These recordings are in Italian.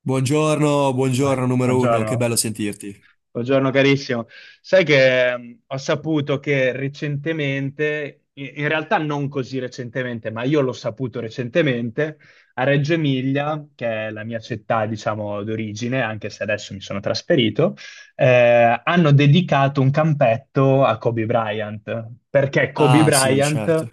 Buongiorno, buongiorno numero uno, che Buongiorno. bello sentirti. Buongiorno carissimo. Sai che ho saputo che recentemente, in realtà non così recentemente, ma io l'ho saputo recentemente, a Reggio Emilia, che è la mia città, diciamo, d'origine, anche se adesso mi sono trasferito, hanno dedicato un campetto a Kobe Bryant, perché Kobe Ah sì, Bryant certo.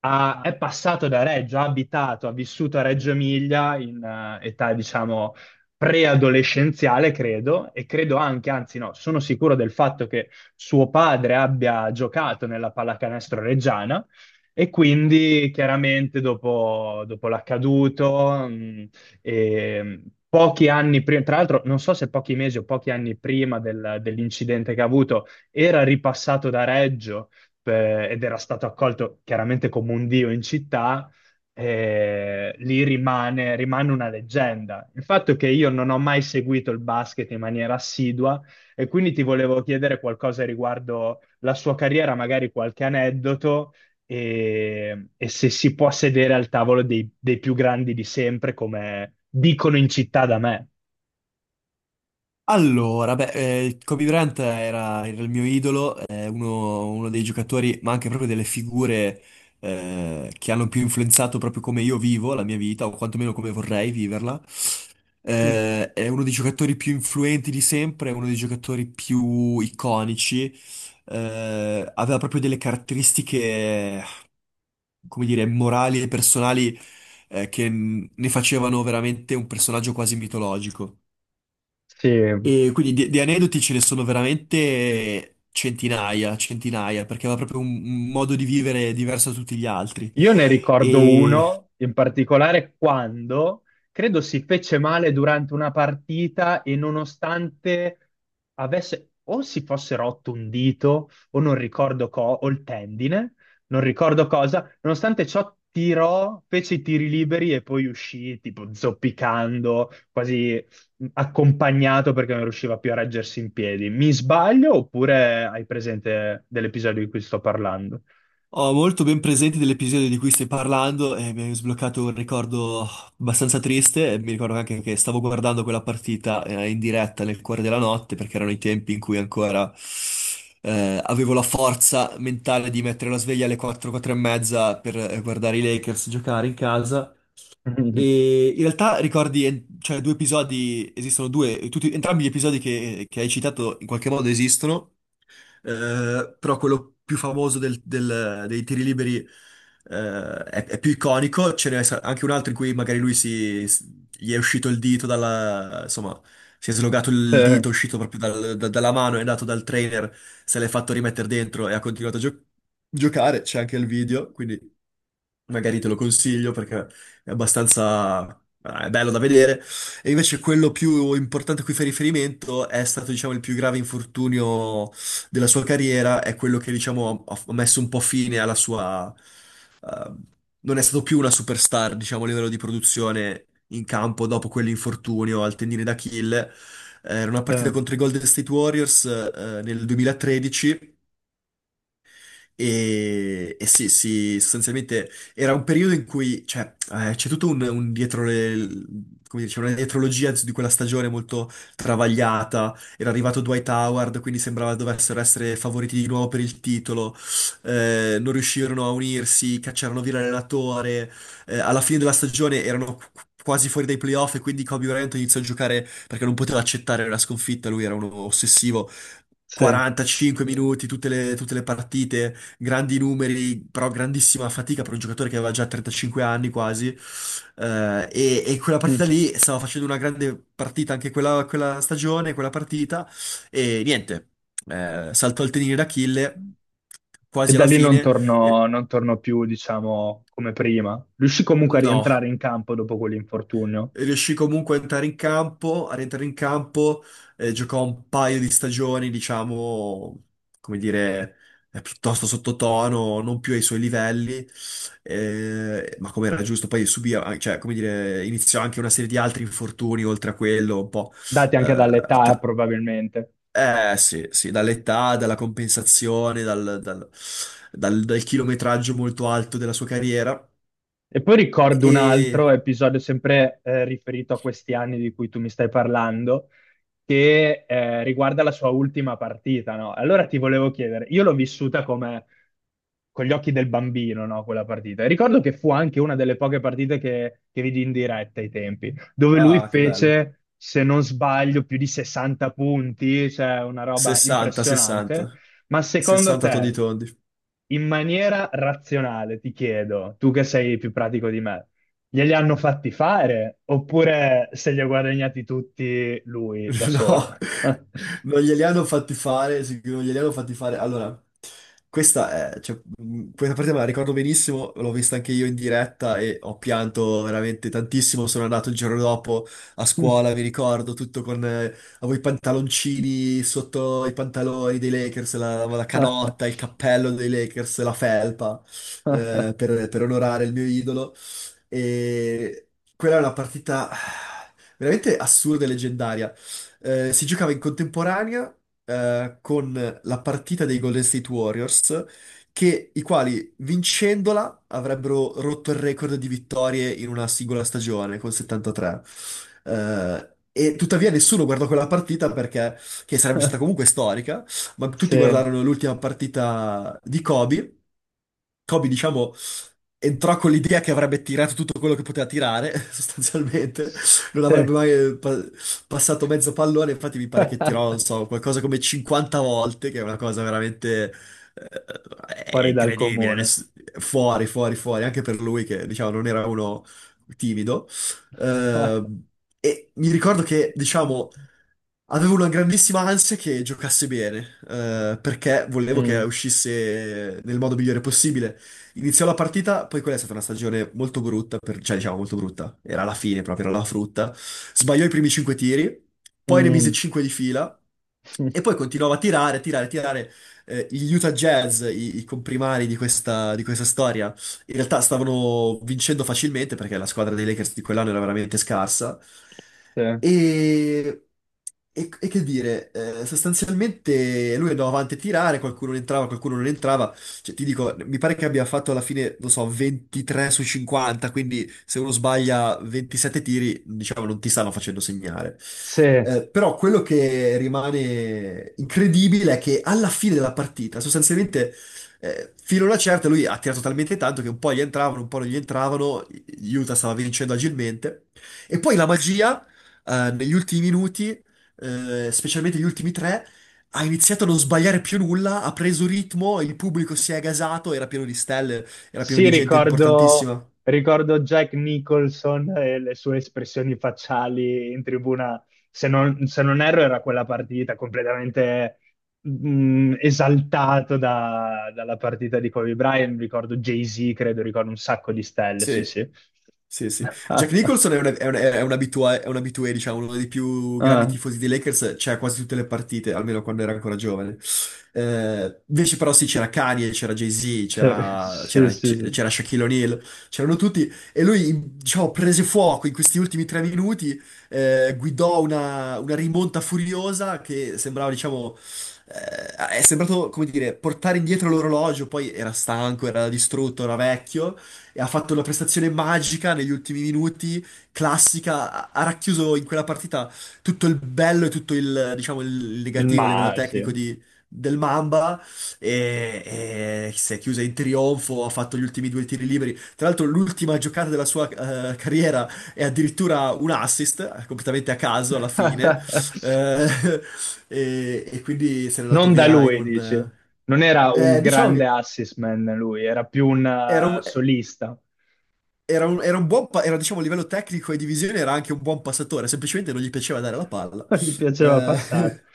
è passato da Reggio, ha abitato, ha vissuto a Reggio Emilia in età, diciamo, preadolescenziale, credo, e credo anche, anzi no, sono sicuro del fatto che suo padre abbia giocato nella pallacanestro reggiana e quindi chiaramente dopo l'accaduto, e pochi anni prima, tra l'altro non so se pochi mesi o pochi anni prima dell'incidente che ha avuto, era ripassato da Reggio ed era stato accolto chiaramente come un dio in città, lì rimane una leggenda. Il fatto è che io non ho mai seguito il basket in maniera assidua e quindi ti volevo chiedere qualcosa riguardo la sua carriera, magari qualche aneddoto e se si può sedere al tavolo dei più grandi di sempre, come dicono in città da me. Allora, beh, Kobe Bryant era il mio idolo, è uno, uno dei giocatori, ma anche proprio delle figure che hanno più influenzato proprio come io vivo la mia vita, o quantomeno come vorrei viverla. Mm. È uno dei giocatori più influenti di sempre, è uno dei giocatori più iconici. Aveva proprio delle caratteristiche come dire, morali e personali, ne facevano veramente un personaggio quasi mitologico. Sì, E quindi di aneddoti ce ne sono veramente centinaia, centinaia, perché aveva proprio un modo di vivere diverso da tutti gli altri. io ne ricordo uno in particolare quando credo si fece male durante una partita e nonostante avesse o si fosse rotto un dito o non ricordo co o il tendine, non ricordo cosa, nonostante ciò tirò, fece i tiri liberi e poi uscì tipo zoppicando, quasi accompagnato perché non riusciva più a reggersi in piedi. Mi sbaglio oppure hai presente dell'episodio di cui sto parlando? Ho molto ben presente dell'episodio di cui stai parlando e mi hai sbloccato un ricordo abbastanza triste. Mi ricordo anche che stavo guardando quella partita in diretta nel cuore della notte, perché erano i tempi in cui ancora avevo la forza mentale di mettere la sveglia alle 4, 4 e mezza per guardare i Lakers giocare in casa. E in realtà ricordi, cioè, due episodi, esistono due, tutti, entrambi gli episodi che hai citato in qualche modo esistono, però quello più famoso dei tiri liberi, è più iconico, anche un altro in cui magari lui gli è uscito il dito dalla, insomma, si è slogato il Eh, dito, è uscito proprio dalla mano, è andato dal trainer, se l'è fatto rimettere dentro e ha continuato a giocare, c'è anche il video, quindi magari te lo consiglio perché è abbastanza è bello da vedere. E invece quello più importante a cui fa riferimento è stato, diciamo, il più grave infortunio della sua carriera, è quello che, diciamo, ha messo un po' fine alla sua... eh, non è stato più una superstar, diciamo, a livello di produzione in campo dopo quell'infortunio al tendine d'Achille. Era una eh. partita contro i Golden State Warriors, nel 2013, e sì, sì, sostanzialmente era un periodo in cui cioè, c'è tutto un dietro le, come dice, una dietrologia di quella stagione molto travagliata. Era arrivato Dwight Howard, quindi sembrava dovessero essere favoriti di nuovo per il titolo. Non riuscirono a unirsi, cacciarono via il relatore. Alla fine della stagione erano quasi fuori dai playoff e quindi Kobe Bryant iniziò a giocare perché non poteva accettare la sconfitta. Lui era uno ossessivo. Sì. 45 minuti, tutte le partite, grandi numeri, però grandissima fatica per un giocatore che aveva già 35 anni quasi. E quella partita Mm. lì stava facendo una grande partita anche quella, quella stagione, quella partita, e niente, saltò il tenine d'Achille E quasi da alla lì non fine. torno, e- non torno più, diciamo, come prima. Riuscì comunque a no, rientrare in campo dopo quell'infortunio, riuscì comunque a entrare in campo, a rientrare in campo, giocò un paio di stagioni, diciamo, come dire, piuttosto sottotono, non più ai suoi livelli, ma come era giusto, poi subì, cioè, come dire, iniziò anche una serie di altri infortuni oltre a quello, un po', dati anche eh, dall'età tra- probabilmente. Sì, sì, dall'età, dalla compensazione, dal chilometraggio molto alto della sua carriera, E poi ricordo un e... altro episodio sempre riferito a questi anni di cui tu mi stai parlando, che riguarda la sua ultima partita, no? Allora ti volevo chiedere, io l'ho vissuta come con gli occhi del bambino, no, quella partita. E ricordo che fu anche una delle poche partite che vidi in diretta ai tempi, dove lui Ah, che bello. fece, se non sbaglio, più di 60 punti, cioè una roba 60, 60. impressionante. Ma secondo 60 toddy te, toddy. in maniera razionale, ti chiedo, tu che sei più pratico di me, glieli hanno fatti fare oppure se li ha guadagnati tutti lui da solo? No, non glieli hanno fatti fare, sicuro, non glieli hanno fatti fare. Allora, questa, è, cioè, questa parte me la ricordo benissimo, l'ho vista anche io in diretta e ho pianto veramente tantissimo. Sono andato il giorno dopo a scuola, mi ricordo, tutto con... avevo i pantaloncini sotto i pantaloni dei Lakers, la canotta, il cappello dei Lakers, la felpa, per onorare il mio idolo. E quella è una partita veramente assurda e leggendaria. Si giocava in contemporanea con la partita dei Golden State Warriors, che, i quali vincendola avrebbero rotto il record di vittorie in una singola stagione con 73. Eh, e tuttavia nessuno guardò quella partita perché che sarebbe stata comunque storica, ma tutti Sì, guardarono l'ultima partita di Kobe. Kobe, diciamo, entrò con l'idea che avrebbe tirato tutto quello che poteva tirare, sostanzialmente, non avrebbe sì. mai passato mezzo pallone, infatti mi pare che tirò, non so, qualcosa come 50 volte, che è una cosa veramente eh, è Fuori dal incredibile, comune. Fuori, fuori, fuori, anche per lui che, diciamo, non era uno timido. Eh, e mi ricordo che, diciamo, avevo una grandissima ansia che giocasse bene, perché volevo che Mm, uscisse nel modo migliore possibile. Iniziò la partita, poi quella è stata una stagione molto brutta, cioè diciamo molto brutta, era la fine proprio, era la frutta. Sbagliò i primi 5 tiri, poi ne mise mm, 5 di fila e poi continuava a tirare, a tirare, a tirare. Gli Utah Jazz, i comprimari di questa storia, in realtà stavano vincendo facilmente perché la squadra dei Lakers di quell'anno era veramente scarsa. sì. E, e che dire, sostanzialmente lui andava avanti a tirare, qualcuno entrava, qualcuno non entrava. Cioè, ti dico, mi pare che abbia fatto alla fine, non so, 23 su 50, quindi se uno sbaglia 27 tiri, diciamo, non ti stanno facendo segnare. Sì, Però quello che rimane incredibile è che alla fine della partita, sostanzialmente, fino a una certa, lui ha tirato talmente tanto che un po' gli entravano, un po' non gli entravano, Utah stava vincendo agilmente. E poi la magia, negli ultimi minuti, specialmente gli ultimi tre, ha iniziato a non sbagliare più nulla, ha preso ritmo, il pubblico si è gasato, era pieno di stelle, era pieno Sì, di gente ricordo, importantissima. ricordo Jack Nicholson e le sue espressioni facciali in tribuna. Se non, se non erro, era quella partita completamente esaltato dalla partita di Kobe Bryant. Ricordo Jay-Z, credo, ricordo un sacco di stelle. Sì, Sì. sì. Sì, sì. Jack Nicholson è un, è un abitué, diciamo, uno dei più grandi Ah, tifosi dei Lakers, c'era quasi tutte le partite, almeno quando era ancora giovane. Invece però sì, c'era Kanye, c'era Jay-Z, cioè, sì, sì, sì. c'era Shaquille O'Neal, c'erano tutti, e lui, diciamo, prese fuoco in questi ultimi tre minuti, guidò una rimonta furiosa che sembrava, diciamo, è sembrato, come dire, portare indietro l'orologio, poi era stanco, era distrutto, era vecchio, e ha fatto una prestazione magica negli ultimi minuti, classica, ha racchiuso in quella partita tutto il bello e tutto il, diciamo, il negativo a livello Ma sì. tecnico del Mamba e, e si è chiusa in trionfo, ha fatto gli ultimi due tiri liberi. Tra l'altro l'ultima giocata della sua carriera è addirittura un assist, completamente a caso alla fine. Eh, e, e quindi se n'è andato Non da via in lui, dici. un... Non era un diciamo grande che assist man lui, era più un era un... solista. Era un, era un buon, era, diciamo, a livello tecnico e di visione era anche un buon passatore, semplicemente non gli piaceva dare la palla. Non gli piaceva passare. Eh,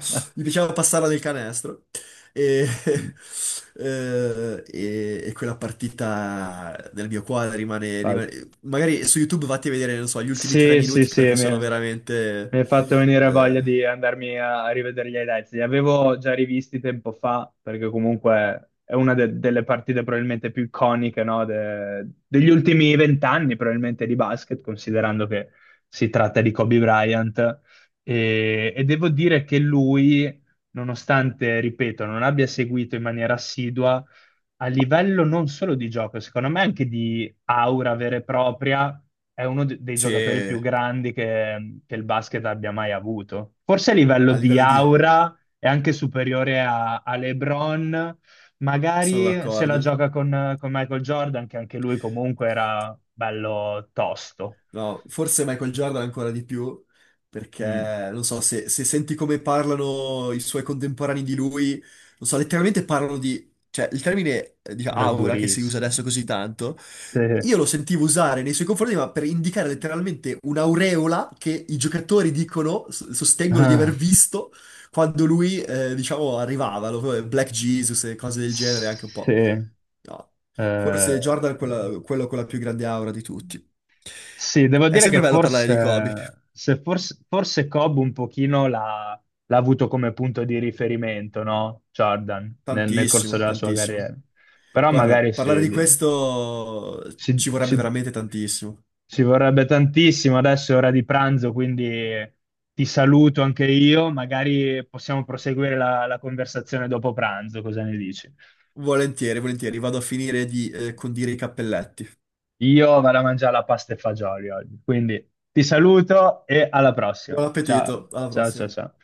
Gli piaceva passarla nel canestro e, Mm. E quella partita nel mio quadro rimane, Basta. rimane- Magari su YouTube vatti a vedere, non so, gli ultimi tre Sì, sì, minuti sì, perché sono veramente... mi hai fatto venire voglia eh, di andarmi a rivedere gli highlights. Li avevo già rivisti tempo fa, perché comunque è una delle partite probabilmente più iconiche, no, degli ultimi vent'anni, probabilmente di basket, considerando che si tratta di Kobe Bryant. E devo dire che lui, nonostante, ripeto, non abbia seguito in maniera assidua, a livello non solo di gioco, secondo me anche di aura vera e propria, è uno dei sì, giocatori più grandi che il basket abbia mai avuto. Forse a livello a di livello di... aura è anche superiore a LeBron, sono magari se la d'accordo. gioca con Michael Jordan, che anche lui comunque era bello tosto. No, forse Michael Jordan ancora di più, Mm, perché non so, se, se senti come parlano i suoi contemporanei di lui, non so, letteralmente parlano di... Cioè, il termine, diciamo, era aura, che si usa durissimo. adesso così tanto, Sì. io lo sentivo usare nei suoi confronti, ma per indicare letteralmente un'aureola che i giocatori dicono, sostengono di Ah, aver visto quando lui, diciamo, arrivava, lo- Black Jesus e cose del genere, anche un po'. sì. No. Eh, Forse Jordan è quello con la più grande aura di tutti. sì, devo È dire sempre che bello parlare di Kobe. forse, se forse, forse Cobb un pochino l'ha l'ha avuto come punto di riferimento, no? Jordan, nel corso Tantissimo, della sua tantissimo. carriera. Però Guarda, magari parlare sì, di questo ci si, vorrebbe si- veramente tantissimo. ci vorrebbe tantissimo, adesso è ora di pranzo, quindi ti saluto anche io, magari possiamo proseguire la conversazione dopo pranzo, cosa ne dici? Volentieri, volentieri. Vado a finire di condire i cappelletti. Io vado a mangiare la pasta e fagioli oggi, quindi ti saluto e alla prossima. Buon Ciao, appetito, alla ciao, ciao, prossima. ciao.